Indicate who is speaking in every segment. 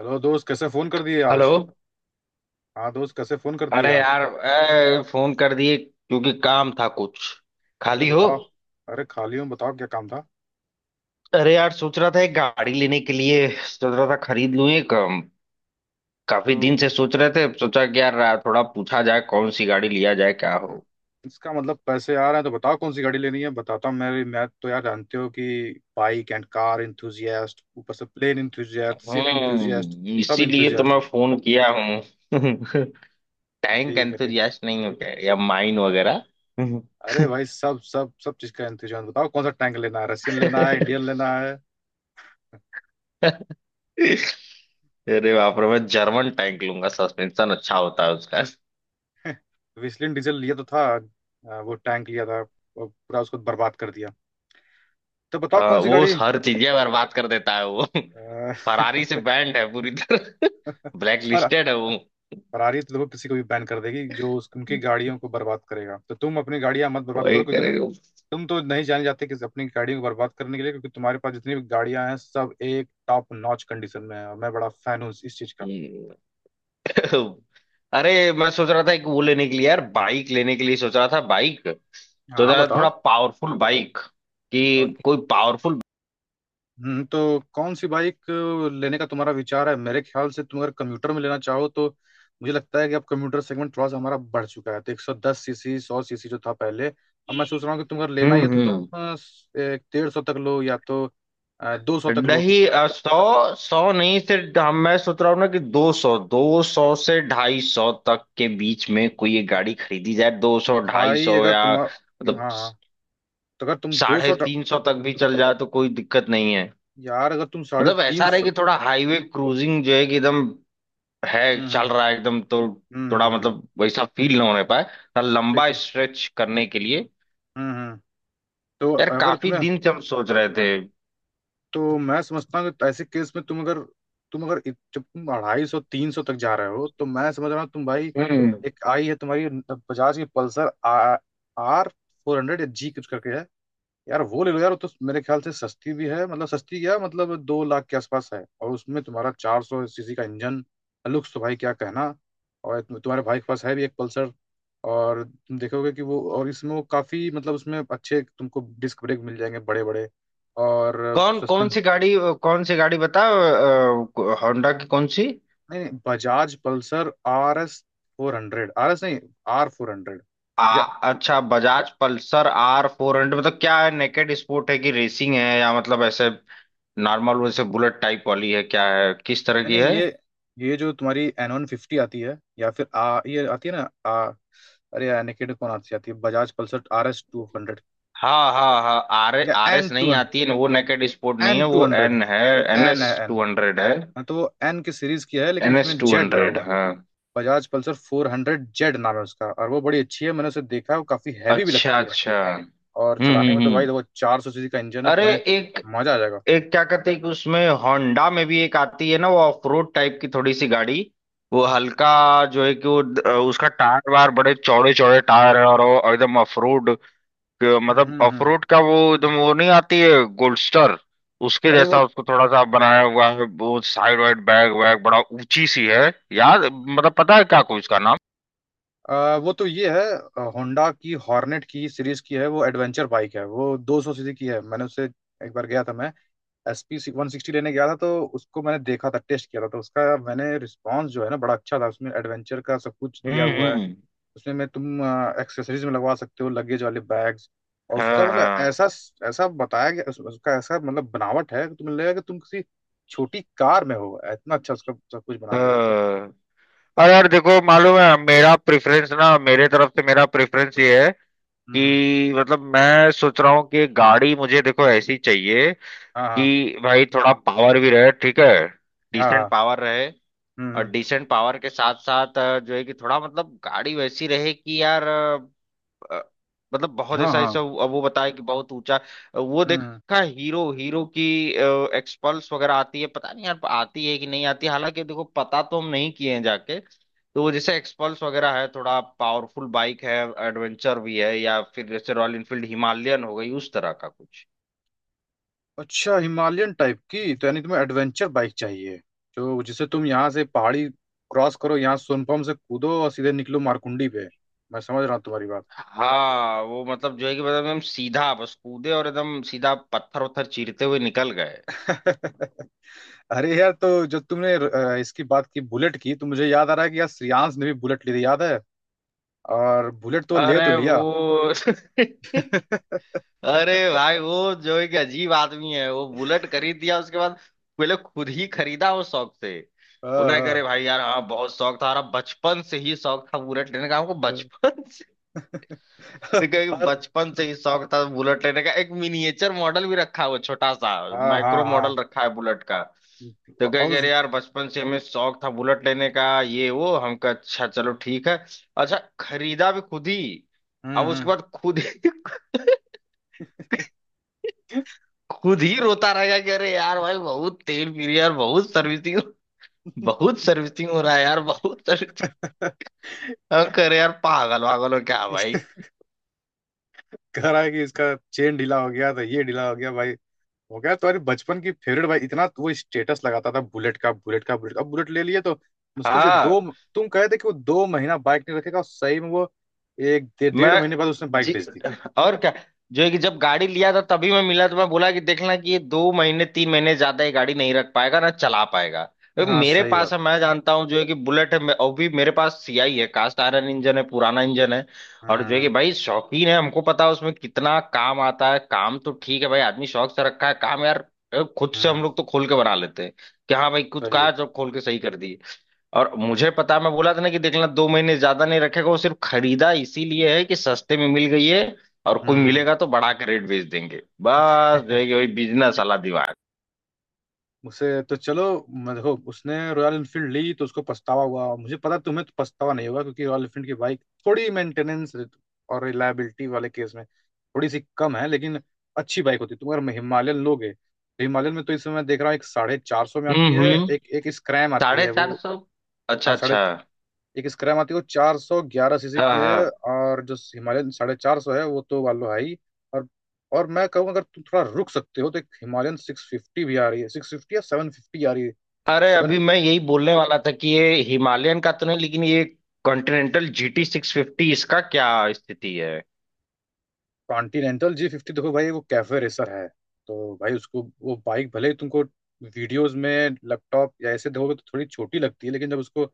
Speaker 1: Hello दोस्त, कैसे phone कर दिए
Speaker 2: हेलो।
Speaker 1: आज। हाँ दोस्त, कैसे फोन कर दिए
Speaker 2: अरे
Speaker 1: आज।
Speaker 2: यार ए, फोन कर दिए क्योंकि काम था कुछ।
Speaker 1: अरे
Speaker 2: खाली हो?
Speaker 1: बताओ। अरे खाली हूँ, बताओ क्या काम था।
Speaker 2: अरे यार सोच रहा था एक गाड़ी लेने के लिए सोच रहा था, खरीद लूं एक। काफी
Speaker 1: तो
Speaker 2: दिन से सोच रहे थे, सोचा कि यार, थोड़ा पूछा जाए कौन सी गाड़ी लिया जाए, क्या हो।
Speaker 1: इसका मतलब पैसे आ रहे हैं। तो बताओ कौन सी गाड़ी लेनी है, बताता हूँ। मेरी मैं तो यार जानते हो कि बाइक एंड कार इंथुजियास्ट, ऊपर से प्लेन इंथुजियास्ट, शिप इंथुजियास्ट,
Speaker 2: हम्म,
Speaker 1: सब
Speaker 2: इसीलिए तो
Speaker 1: इंथुजियास्ट
Speaker 2: मैं
Speaker 1: हूँ।
Speaker 2: फोन किया हूँ। टैंक
Speaker 1: ठीक है, ठीक
Speaker 2: एंथुजियास्ट नहीं हो क्या, या माइन
Speaker 1: है।
Speaker 2: वगैरह?
Speaker 1: अरे भाई सब सब सब चीज़ का इंतजाम। बताओ कौन सा टैंक लेना है, रशियन लेना है, इंडियन लेना है।
Speaker 2: अरे बाप रे, मैं जर्मन टैंक लूंगा, सस्पेंशन अच्छा होता है उसका।
Speaker 1: वेस्लिन डीजल लिया तो था वो टैंक लिया था। वो पूरा उसको बर्बाद कर दिया। तो बताओ
Speaker 2: हाँ,
Speaker 1: कौन सी
Speaker 2: वो
Speaker 1: गाड़ी।
Speaker 2: हर चीजें बर्बाद कर देता है वो।
Speaker 1: अ,
Speaker 2: फरारी से बैंड है पूरी तरह, ब्लैक
Speaker 1: फर,
Speaker 2: लिस्टेड है वो।
Speaker 1: फरारी तो देखो किसी को भी बैन कर देगी जो उनकी गाड़ियों को बर्बाद करेगा, तो तुम अपनी गाड़ियां मत बर्बाद
Speaker 2: वही
Speaker 1: करो, क्योंकि
Speaker 2: करेगा।
Speaker 1: तुम तो नहीं जाने जाते कि अपनी गाड़ियों को बर्बाद करने के लिए, क्योंकि तुम्हारे पास जितनी भी गाड़ियां हैं सब एक टॉप नॉच कंडीशन में है, और मैं बड़ा फैन हूँ इस चीज का।
Speaker 2: हम्म। अरे मैं सोच रहा था एक वो लेने के लिए, यार बाइक लेने के लिए सोच रहा था, बाइक।
Speaker 1: हाँ
Speaker 2: तो
Speaker 1: हाँ,
Speaker 2: जरा
Speaker 1: बताओ।
Speaker 2: थोड़ा पावरफुल बाइक, कि
Speaker 1: और
Speaker 2: कोई पावरफुल।
Speaker 1: तो कौन सी बाइक लेने का तुम्हारा विचार है। मेरे ख्याल से तुम अगर कम्यूटर में लेना चाहो, तो मुझे लगता है कि अब कम्यूटर सेगमेंट थोड़ा सा हमारा बढ़ चुका है। तो 110 सीसी, 100 सीसी जो था पहले, अब मैं सोच रहा हूँ कि तुम अगर लेना ही है तो
Speaker 2: हम्म।
Speaker 1: तुम 150 तक लो, या तो 200 तक लो।
Speaker 2: नहीं, सौ सौ नहीं, सिर्फ हम मैं सोच रहा हूँ ना कि दो सौ से ढाई सौ तक के बीच में कोई एक गाड़ी खरीदी जाए, दो सौ ढाई
Speaker 1: भाई
Speaker 2: सौ
Speaker 1: अगर
Speaker 2: या
Speaker 1: तुम, हाँ,
Speaker 2: मतलब
Speaker 1: हाँ। तो अगर तुम दो
Speaker 2: साढ़े
Speaker 1: सौ
Speaker 2: तीन सौ तक भी चल जाए तो कोई दिक्कत नहीं है।
Speaker 1: यार अगर तुम साढ़े
Speaker 2: मतलब
Speaker 1: तीन
Speaker 2: ऐसा रहे
Speaker 1: सौ
Speaker 2: कि थोड़ा हाईवे क्रूजिंग जो है कि एकदम है, चल
Speaker 1: हम्म
Speaker 2: रहा है एकदम, तो
Speaker 1: हम्म
Speaker 2: थोड़ा
Speaker 1: हम्म,
Speaker 2: मतलब वैसा फील ना होने पाए, थोड़ा
Speaker 1: ठीक
Speaker 2: लंबा
Speaker 1: ठीक।
Speaker 2: स्ट्रेच करने के लिए।
Speaker 1: हम्म। तो
Speaker 2: यार
Speaker 1: अगर
Speaker 2: काफी
Speaker 1: तुम्हें,
Speaker 2: दिन से हम सोच रहे थे।
Speaker 1: तो मैं समझता हूँ कि ऐसे केस में तुम अगर, तुम अगर जब तुम 250 300 तक जा रहे हो तो मैं समझ रहा हूँ, तुम भाई,
Speaker 2: हम्म।
Speaker 1: एक आई है तुम्हारी बजाज की पल्सर, आर 400 या जी कुछ करके है। यार वो ले लो, यार वो तो मेरे ख्याल से सस्ती भी है, मतलब सस्ती क्या मतलब 2 लाख के आसपास है, और उसमें तुम्हारा 400 सीसी का इंजन। लुक्स तो भाई क्या कहना। और तुम्हारे भाई के पास है भी एक पल्सर। और तुम देखोगे कि वो, और इसमें वो काफी मतलब उसमें अच्छे तुमको डिस्क ब्रेक मिल जाएंगे बड़े बड़े, और
Speaker 2: कौन कौन सी
Speaker 1: सस्पेंस।
Speaker 2: गाड़ी, कौन सी गाड़ी बताओ, होंडा की कौन सी?
Speaker 1: नहीं नहीं Bajaj Pulsar R S 400, are S नहीं, आर फोर हंड्रेड
Speaker 2: आ,
Speaker 1: या।
Speaker 2: अच्छा, बजाज पल्सर आर 400 मतलब क्या है, नेकेड स्पोर्ट है कि रेसिंग है, या मतलब ऐसे नॉर्मल वैसे बुलेट टाइप वाली है, क्या है, किस तरह
Speaker 1: नहीं
Speaker 2: की
Speaker 1: नहीं,
Speaker 2: है?
Speaker 1: ये जो तुम्हारी एन 150 आती है या फिर आ ये आती है ना। आ अरे यार निकेट कौन आती, आती है बजाज पल्सर आर एस 200
Speaker 2: हाँ हाँ हाँ, आर
Speaker 1: या
Speaker 2: आर
Speaker 1: एन
Speaker 2: एस
Speaker 1: टू,
Speaker 2: नहीं आती है, वो नेकेड स्पोर्ट नहीं
Speaker 1: एन
Speaker 2: है,
Speaker 1: टू
Speaker 2: वो
Speaker 1: हंड्रेड
Speaker 2: एन है। एन
Speaker 1: एन है,
Speaker 2: एस
Speaker 1: एन।
Speaker 2: टू हंड्रेड है।
Speaker 1: हाँ तो वो एन की सीरीज की है, लेकिन
Speaker 2: एन
Speaker 1: उसमें
Speaker 2: एस टू
Speaker 1: जेड लगा
Speaker 2: हंड्रेड,
Speaker 1: हुआ है।
Speaker 2: हाँ।
Speaker 1: बजाज पल्सर 400 जेड नाम है उसका, और वो बड़ी अच्छी है, मैंने उसे देखा है, वो काफी हैवी भी
Speaker 2: अच्छा
Speaker 1: लगती है
Speaker 2: अच्छा।
Speaker 1: और चलाने में तो भाई
Speaker 2: हम्म।
Speaker 1: देखो 400 सीसी का इंजन है,
Speaker 2: अरे
Speaker 1: तुम्हें
Speaker 2: एक
Speaker 1: मजा आ जाएगा।
Speaker 2: एक क्या कहते हैं, कि उसमें होंडा में भी एक आती है ना, वो ऑफ रोड टाइप की थोड़ी सी गाड़ी। वो हल्का जो है कि वो उसका टायर वायर, बड़े चौड़े चौड़े टायर है, और वो एकदम ऑफ रोड। मतलब
Speaker 1: हम्म।
Speaker 2: अखरोट का, वो एकदम, वो नहीं आती है? गोल्डस्टर उसके
Speaker 1: अरे वो,
Speaker 2: जैसा उसको थोड़ा सा बनाया हुआ है, वो साइड वाइड बैग वैग, बड़ा ऊंची सी है। याद मतलब पता है क्या कोई उसका नाम?
Speaker 1: वो तो ये है, होंडा की हॉर्नेट की सीरीज की है, वो एडवेंचर बाइक है, वो 200 सीसी की है। मैंने उससे एक बार गया था, मैं एस पी 160 लेने गया था, तो उसको मैंने देखा था, टेस्ट किया था तो उसका मैंने रिस्पांस जो है ना बड़ा अच्छा था। उसमें एडवेंचर का सब कुछ दिया हुआ है,
Speaker 2: हम्म।
Speaker 1: उसमें मैं तुम एक्सेसरीज में लगवा सकते हो लगेज वाले बैग्स, और
Speaker 2: हाँ
Speaker 1: उसका मतलब
Speaker 2: हाँ
Speaker 1: ऐसा ऐसा बताया गया। उसका ऐसा मतलब बनावट है कि तुम्हें लगेगा कि तुम किसी छोटी कार में हो, इतना अच्छा उसका सब कुछ बनाया गया है।
Speaker 2: हाँ। अरे यार देखो, मालूम है, मेरा प्रेफरेंस ना, मेरे तरफ से मेरा प्रेफरेंस ये है
Speaker 1: हम्म हम्म,
Speaker 2: कि मतलब मैं सोच रहा हूँ कि गाड़ी मुझे देखो ऐसी चाहिए कि
Speaker 1: हाँ
Speaker 2: भाई थोड़ा पावर भी रहे, ठीक है,
Speaker 1: हाँ हाँ,
Speaker 2: डिसेंट
Speaker 1: हाँ,
Speaker 2: पावर रहे।
Speaker 1: हम्म
Speaker 2: और
Speaker 1: हम्म,
Speaker 2: डिसेंट पावर के साथ साथ, जो है कि थोड़ा मतलब गाड़ी वैसी रहे कि यार अ, मतलब बहुत
Speaker 1: हाँ
Speaker 2: ऐसा
Speaker 1: हाँ,
Speaker 2: ऐसा अब वो बताया कि बहुत ऊंचा। वो
Speaker 1: हम्म।
Speaker 2: देखा, हीरो हीरो की एक्सपल्स वगैरह आती है, पता नहीं यार आती है कि नहीं आती है, हालांकि देखो पता तो हम नहीं किए हैं जाके। तो वो जैसे एक्सपल्स वगैरह है, थोड़ा पावरफुल बाइक है, एडवेंचर भी है, या फिर जैसे रॉयल इनफील्ड हिमालयन हो गई, उस तरह का कुछ।
Speaker 1: अच्छा हिमालयन टाइप की, तो यानी तुम्हें एडवेंचर बाइक चाहिए, जो जिसे तुम यहाँ से पहाड़ी क्रॉस करो, यहाँ सोनपुर से कूदो और सीधे निकलो मारकुंडी पे। मैं समझ रहा हूँ तुम्हारी बात।
Speaker 2: हाँ वो मतलब, जो है कि मतलब एकदम सीधा बस कूदे और एकदम सीधा पत्थर वत्थर चीरते हुए निकल गए।
Speaker 1: अरे यार तो जब तुमने इसकी बात की, बुलेट की, तो मुझे याद आ रहा है कि यार श्रेयांश ने भी बुलेट ली थी, याद है। और बुलेट तो ले तो
Speaker 2: अरे
Speaker 1: लिया।
Speaker 2: वो! अरे भाई वो जो एक अजीब आदमी है, वो बुलेट खरीद दिया उसके बाद, पहले खुद ही खरीदा वो शौक से। बोल रहे,
Speaker 1: हाँ,
Speaker 2: अरे भाई यार हाँ बहुत शौक था, अरे बचपन से ही शौक था बुलेट लेने का हमको,
Speaker 1: हाँ,
Speaker 2: बचपन से।
Speaker 1: हाँ।
Speaker 2: तो कहे कि
Speaker 1: और,
Speaker 2: बचपन से ही शौक था बुलेट लेने का, एक मिनिएचर मॉडल भी रखा है वो, छोटा सा
Speaker 1: हाँ हाँ
Speaker 2: माइक्रो मॉडल
Speaker 1: हाँ,
Speaker 2: रखा है बुलेट का। तो कहे
Speaker 1: और
Speaker 2: कि
Speaker 1: उस,
Speaker 2: अरे यार बचपन से हमें शौक था बुलेट लेने का ये वो हमका, अच्छा चलो ठीक है। अच्छा खरीदा भी खुद ही। अब
Speaker 1: हम्म
Speaker 2: उसके बाद खुद ही, खुद ही रोता रहेगा कि अरे यार भाई बहुत तेल पी रही है यार, बहुत सर्विसिंग, बहुत
Speaker 1: हम्म।
Speaker 2: सर्विसिंग हो रहा है यार, बहुत सर्विसिंग। हम कह रहे यार पागल वागल हो क्या भाई।
Speaker 1: कह रहा है कि इसका चेन ढीला हो गया था, ये ढीला हो गया भाई, हो गया। तुम्हारी बचपन की फेवरेट भाई, इतना तो वो स्टेटस लगाता था बुलेट का, बुलेट का, बुलेट का, अब बुलेट ले लिए तो मुश्किल से दो।
Speaker 2: हाँ।
Speaker 1: तुम कहे थे कि वो दो महीना बाइक नहीं रखेगा, और सही में वो एक डेढ़
Speaker 2: मैं?
Speaker 1: महीने बाद उसने बाइक
Speaker 2: जी।
Speaker 1: बेच दी।
Speaker 2: और क्या। जो है कि जब गाड़ी लिया था तभी मैं मिला, तो मैं बोला कि देखना कि ये दो महीने तीन महीने ज्यादा ये गाड़ी नहीं रख पाएगा, ना चला पाएगा। तो
Speaker 1: हाँ
Speaker 2: मेरे
Speaker 1: सही बात।
Speaker 2: पास है, मैं जानता हूँ जो है कि बुलेट है, और भी मेरे पास सीआई है, कास्ट आयरन इंजन है, पुराना इंजन है। और जो है कि
Speaker 1: हम्म
Speaker 2: भाई शौकीन है, हमको पता है उसमें कितना काम आता है, काम तो ठीक है भाई, आदमी शौक से रखा है, काम यार खुद से हम
Speaker 1: हम्म।
Speaker 2: लोग तो खोल के बना लेते हैं। कि हाँ भाई खुद
Speaker 1: सही
Speaker 2: का
Speaker 1: बात।
Speaker 2: है, जब खोल के सही कर दिए। और मुझे पता, मैं बोला था ना कि देख लेना दो महीने ज्यादा नहीं रखेगा, वो सिर्फ खरीदा इसीलिए है कि सस्ते में मिल गई है, और कोई
Speaker 1: हम्म।
Speaker 2: मिलेगा तो बढ़ा के रेट बेच देंगे, बस जो है कि वही बिजनेस वाला दिमाग।
Speaker 1: उसे तो चलो, मैं देखो उसने रॉयल इनफील्ड ली तो उसको पछतावा हुआ, मुझे पता तुम्हें तो पछतावा नहीं होगा, क्योंकि रॉयल इनफील्ड की बाइक थोड़ी मेंटेनेंस और रिलायबिलिटी वाले केस में थोड़ी सी कम है, लेकिन अच्छी बाइक होती है। तुम अगर हिमालयन लोगे, तो हिमालयन में तो इस समय मैं देख रहा हूँ एक 450 में आती है,
Speaker 2: हम्म।
Speaker 1: एक एक स्क्रैम आती
Speaker 2: साढ़े
Speaker 1: है
Speaker 2: चार
Speaker 1: वो।
Speaker 2: सौ अच्छा
Speaker 1: हाँ साढ़े,
Speaker 2: अच्छा।
Speaker 1: एक स्क्रैम आती है वो 411 सीसी की
Speaker 2: हाँ
Speaker 1: है।
Speaker 2: हाँ।
Speaker 1: और जो हिमालयन 450 है वो तो वालो है ही। और और मैं कहूँ अगर तुम थोड़ा रुक सकते हो तो एक हिमालयन 650 भी आ रही है, 650 या 750 आ रही है।
Speaker 2: अरे
Speaker 1: सेवन,
Speaker 2: अभी मैं यही बोलने वाला था कि ये हिमालयन का तो नहीं, लेकिन ये कॉन्टिनेंटल जीटी 650, इसका क्या स्थिति है?
Speaker 1: कॉन्टिनेंटल जी 50 देखो भाई वो कैफे रेसर है। तो भाई उसको वो बाइक भले ही तुमको वीडियोस में, लैपटॉप या ऐसे देखोगे तो थोड़ी छोटी लगती है, लेकिन जब उसको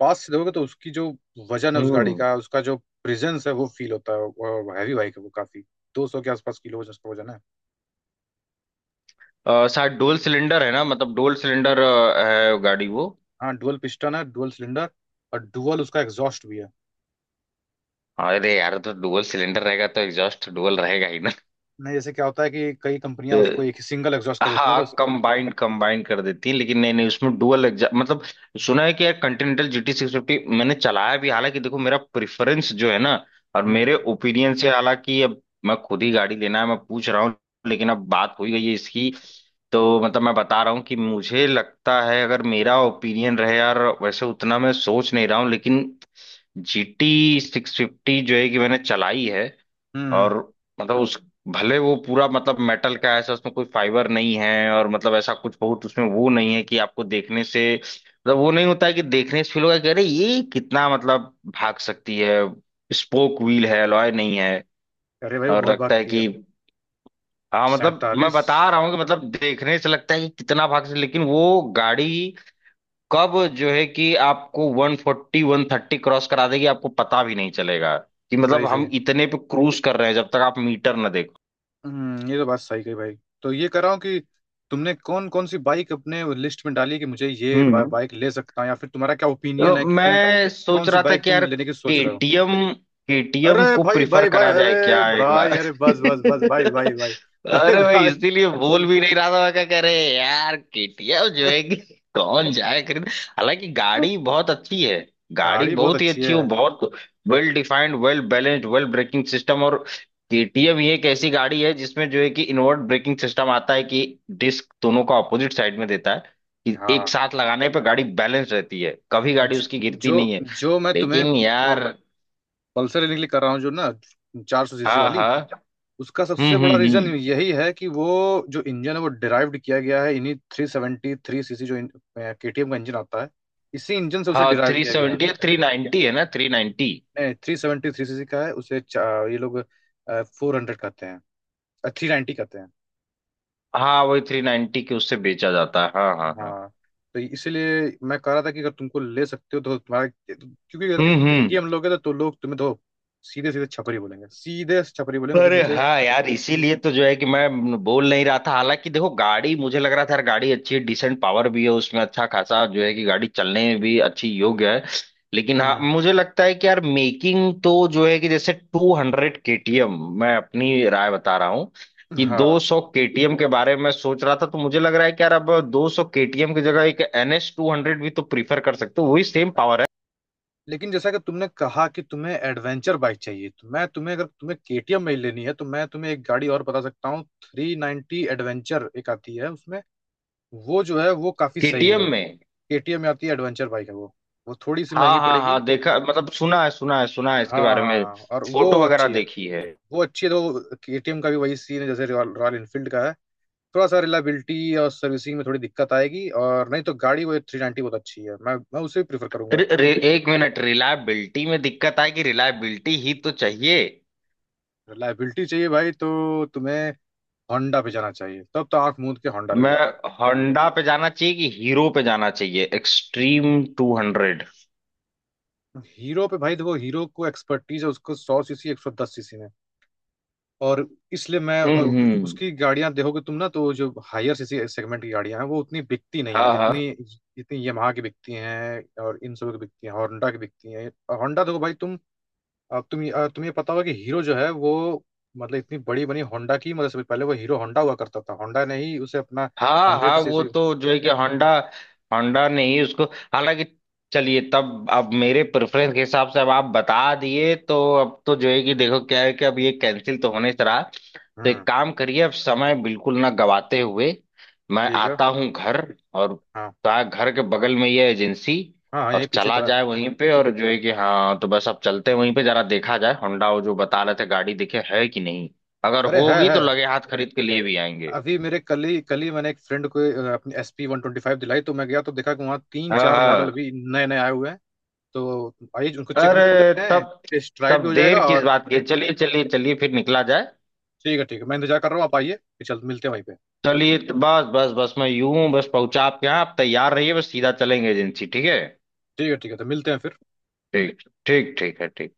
Speaker 1: पास से देखोगे तो उसकी जो वजन है उस गाड़ी
Speaker 2: हम्म
Speaker 1: का, उसका जो प्रेजेंस है वो फील होता है, हैवी बाइक है वो, काफी 200 के आसपास किलो उसका वजन है।
Speaker 2: अ, शायद डोल सिलेंडर है ना, मतलब डोल सिलेंडर, है गाड़ी वो।
Speaker 1: हाँ डुअल पिस्टन है, डुअल सिलेंडर, और डुअल उसका एग्जॉस्ट भी है।
Speaker 2: अरे यार तो डुअल सिलेंडर रहेगा तो एग्जॉस्ट डुअल रहेगा ही ना।
Speaker 1: नहीं जैसे क्या होता है कि कई
Speaker 2: तो
Speaker 1: कंपनियां उसको एक ही सिंगल एग्जॉस्ट कर देती हैं,
Speaker 2: हाँ,
Speaker 1: तो
Speaker 2: कंबाइंड कंबाइंड कर देती है लेकिन, नहीं नहीं, उसमें डुअल एग्जॉस्ट मतलब। सुना है कि यार कॉन्टिनेंटल जीटी सिक्स फिफ्टी मैंने चलाया भी, हालांकि देखो मेरा प्रेफरेंस जो है ना, और
Speaker 1: हम्म
Speaker 2: मेरे ओपिनियन से, हालांकि अब मैं खुद ही गाड़ी लेना है, मैं पूछ रहा हूँ, लेकिन अब बात हो ही गई है इसकी, तो मतलब मैं बता रहा हूँ कि मुझे लगता है अगर मेरा ओपिनियन रहे यार, वैसे उतना मैं सोच नहीं रहा हूँ, लेकिन GT 650 जो है कि मैंने चलाई है।
Speaker 1: हम्म हम्म।
Speaker 2: और मतलब उस, भले वो पूरा मतलब मेटल का है, ऐसा उसमें कोई फाइबर नहीं है, और मतलब ऐसा कुछ बहुत उसमें वो नहीं है कि आपको देखने से, मतलब वो नहीं होता है कि देखने से फील होगा कि अरे ये कितना मतलब भाग सकती है। स्पोक व्हील है, अलॉय नहीं है।
Speaker 1: अरे भाई वो
Speaker 2: और
Speaker 1: बहुत
Speaker 2: लगता है
Speaker 1: भागती है।
Speaker 2: कि, हाँ मतलब मैं
Speaker 1: 47।
Speaker 2: बता रहा हूँ कि मतलब देखने से लगता है कि कितना भाग से, लेकिन वो गाड़ी कब जो है कि आपको 140 130 क्रॉस करा देगी आपको पता भी नहीं चलेगा कि मतलब
Speaker 1: सही सही
Speaker 2: हम
Speaker 1: है।
Speaker 2: इतने पे क्रूज कर रहे हैं जब तक आप मीटर ना।
Speaker 1: हम्म, ये तो बात सही कही भाई। तो ये कर रहा हूँ कि तुमने कौन कौन सी बाइक अपने लिस्ट में डाली कि मुझे ये
Speaker 2: हम्म।
Speaker 1: बाइक ले सकता हूँ, या फिर तुम्हारा क्या
Speaker 2: तो
Speaker 1: ओपिनियन है कि तुम
Speaker 2: मैं सोच
Speaker 1: कौन सी
Speaker 2: रहा था
Speaker 1: बाइक
Speaker 2: कि
Speaker 1: तुम
Speaker 2: यार
Speaker 1: लेने की सोच रहे हो।
Speaker 2: केटीएम
Speaker 1: अरे
Speaker 2: केटीएम को
Speaker 1: भाई
Speaker 2: प्रिफर
Speaker 1: भाई भाई,
Speaker 2: करा जाए क्या
Speaker 1: अरे
Speaker 2: एक बार?
Speaker 1: भाई, अरे बस बस बस भाई भाई भाई, अरे
Speaker 2: अरे भाई
Speaker 1: भाई।
Speaker 2: इसीलिए बोल भी नहीं रहा था मैं, क्या कह रहे यार, केटीएम जो है कि कौन जाए खरीद। हालांकि गाड़ी बहुत अच्छी है, गाड़ी
Speaker 1: गाड़ी बहुत
Speaker 2: बहुत ही
Speaker 1: अच्छी
Speaker 2: अच्छी
Speaker 1: है।
Speaker 2: हो, बहुत well defined, well balanced, well braking system, और केटीएम ये एक ऐसी गाड़ी है जिसमें जो है कि इनवर्ट ब्रेकिंग सिस्टम आता है कि डिस्क दोनों का ऑपोजिट साइड में देता है, कि एक
Speaker 1: हाँ,
Speaker 2: साथ लगाने पे गाड़ी बैलेंस रहती है, कभी गाड़ी
Speaker 1: अच्छा।
Speaker 2: उसकी गिरती
Speaker 1: जो,
Speaker 2: नहीं है,
Speaker 1: जो मैं तुम्हें
Speaker 2: लेकिन यार।
Speaker 1: पल्सर लेने के लिए कर रहा हूँ जो ना, 400 सीसी
Speaker 2: हाँ
Speaker 1: वाली,
Speaker 2: हाँ।
Speaker 1: उसका सबसे बड़ा रीजन
Speaker 2: हम्म।
Speaker 1: यही है कि वो जो इंजन है वो डिराइव्ड किया गया है इन्हीं 373 सीसी जो केटीएम का इंजन आता है, इसी इंजन से उसे
Speaker 2: हाँ,
Speaker 1: डिराइव
Speaker 2: थ्री
Speaker 1: किया गया है।
Speaker 2: सेवेंटी है, 390 है ना, 390।
Speaker 1: नहीं 373 सीसी का है, उसे ये लोग 400 कहते हैं, 390 कहते हैं।
Speaker 2: हाँ वही, 390 के उससे बेचा जाता है, हाँ हाँ हाँ।
Speaker 1: हाँ, तो इसीलिए मैं कह रहा था कि अगर तुमको ले सकते हो तो तुम्हारा, क्योंकि अगर तुम
Speaker 2: हम्म।
Speaker 1: केटीएम लोगे तो लोग तुम्हें तो सीधे सीधे छपरी बोलेंगे, सीधे छपरी बोलेंगे, क्योंकि
Speaker 2: अरे
Speaker 1: मुझे
Speaker 2: हाँ यार, इसीलिए तो जो है कि मैं बोल नहीं रहा था, हालांकि देखो गाड़ी, मुझे लग रहा था यार गाड़ी अच्छी है, डिसेंट पावर भी है उसमें, अच्छा खासा जो है कि गाड़ी चलने में भी अच्छी योग्य है, लेकिन हाँ
Speaker 1: हम्म।
Speaker 2: मुझे लगता है कि यार मेकिंग तो जो है कि जैसे 200 केटीएम। मैं अपनी राय बता रहा हूँ कि दो
Speaker 1: हाँ,
Speaker 2: सौ केटीएम के बारे में सोच रहा था, तो मुझे लग रहा है कि यार अब दो सौ केटीएम की जगह एक NS 200 भी तो प्रीफर कर सकते हो, वही सेम पावर है।
Speaker 1: लेकिन जैसा कि तुमने कहा कि तुम्हें एडवेंचर बाइक चाहिए, तो मैं तुम्हें, अगर तुम्हें केटीएम में ही लेनी है तो मैं तुम्हें एक गाड़ी और बता सकता हूँ, 390 एडवेंचर एक आती है उसमें। वो जो है वो काफी सही
Speaker 2: केटीएम
Speaker 1: है।
Speaker 2: में?
Speaker 1: केटीएम में आती है, एडवेंचर बाइक है वो थोड़ी सी
Speaker 2: हाँ
Speaker 1: महंगी
Speaker 2: हाँ
Speaker 1: पड़ेगी।
Speaker 2: हाँ, देखा मतलब, सुना है, सुना है, सुना है इसके बारे में,
Speaker 1: हाँ, और वो
Speaker 2: फोटो वगैरह
Speaker 1: अच्छी है।
Speaker 2: देखी है।
Speaker 1: वो अच्छी है, तो केटीएम का भी वही सीन है जैसे रॉयल रॉयल इनफील्ड का है। थोड़ा सा रिलायबिलिटी और सर्विसिंग में थोड़ी दिक्कत आएगी, और नहीं तो गाड़ी वो 390 बहुत अच्छी है, मैं उसे भी प्रीफर करूंगा।
Speaker 2: रि, रि, एक मिनट, रिलायबिलिटी में दिक्कत आए कि रिलायबिलिटी ही तो चाहिए।
Speaker 1: रिलायबिलिटी चाहिए भाई, तो तुम्हें होंडा पे जाना चाहिए, तब तो आंख मूंद के होंडा ले
Speaker 2: मैं?
Speaker 1: लो।
Speaker 2: होंडा पे जाना चाहिए कि हीरो पे जाना चाहिए, एक्सट्रीम 200।
Speaker 1: हीरो पे भाई देखो, हीरो को एक्सपर्टीज है उसको 100 सीसी, 110 सीसी में। और इसलिए मैं,
Speaker 2: हम्म
Speaker 1: और उसकी
Speaker 2: हम्म,
Speaker 1: उसकी गाड़ियां देखोगे तुम ना, तो जो हायर सीसी सेगमेंट की गाड़ियां हैं वो उतनी बिकती नहीं
Speaker 2: हाँ
Speaker 1: है
Speaker 2: हाँ
Speaker 1: जितनी, जितनी यमाहा की बिकती हैं और इन सब की बिकती हैं, होंडा की बिकती हैं। और होंडा देखो भाई तुम, अब तुम, तुम्हें पता होगा कि हीरो जो है वो मतलब इतनी बड़ी बनी, होंडा की मतलब से पहले वो हीरो होंडा हुआ करता था, होंडा ने ही उसे अपना
Speaker 2: हाँ।
Speaker 1: हंड्रेड
Speaker 2: हाँ वो
Speaker 1: सीसी
Speaker 2: तो जो है कि होंडा होंडा ने ही उसको। हालांकि चलिए तब, अब मेरे प्रेफरेंस के हिसाब से अब आप बता दिए, तो अब तो जो है कि देखो क्या है कि अब ये कैंसिल तो होने से रहा। तो एक
Speaker 1: हम्म,
Speaker 2: काम करिए, अब समय बिल्कुल ना गवाते हुए मैं
Speaker 1: ठीक है।
Speaker 2: आता हूँ घर, और
Speaker 1: हाँ,
Speaker 2: घर के बगल में ये एजेंसी
Speaker 1: हाँ,
Speaker 2: और
Speaker 1: यही पीछे
Speaker 2: चला
Speaker 1: तो है।
Speaker 2: जाए वहीं पे, और जो है कि हाँ तो बस अब चलते हैं वहीं पे, जरा देखा जाए होंडा वो जो बता रहे थे गाड़ी देखे है कि नहीं, अगर
Speaker 1: अरे है
Speaker 2: होगी तो
Speaker 1: है
Speaker 2: लगे हाथ खरीद के लिए भी आएंगे।
Speaker 1: अभी मेरे, कल ही मैंने एक फ्रेंड को अपनी एस पी 125 दिलाई, तो मैं गया तो देखा कि वहाँ तीन
Speaker 2: हाँ
Speaker 1: चार मॉडल
Speaker 2: हाँ।
Speaker 1: अभी नए नए आए हुए हैं। तो आइए उनको चेक भी
Speaker 2: अरे
Speaker 1: कर लेते हैं,
Speaker 2: तब
Speaker 1: टेस्ट राइड भी
Speaker 2: तब
Speaker 1: हो जाएगा।
Speaker 2: देर किस
Speaker 1: और
Speaker 2: बात की है? चलिए चलिए चलिए, फिर निकला जाए।
Speaker 1: ठीक है, ठीक है, मैं इंतजार कर रहा हूँ, आप आइए, फिर चल मिलते हैं वहीं पे।
Speaker 2: चलिए तो बस बस बस, मैं यूं बस पहुंचा आपके यहाँ, आप तैयार रहिए, बस सीधा चलेंगे एजेंसी, ठीक है?
Speaker 1: ठीक है ठीक है, तो मिलते हैं फिर।
Speaker 2: ठीक। ठीक ठीक है। ठीक।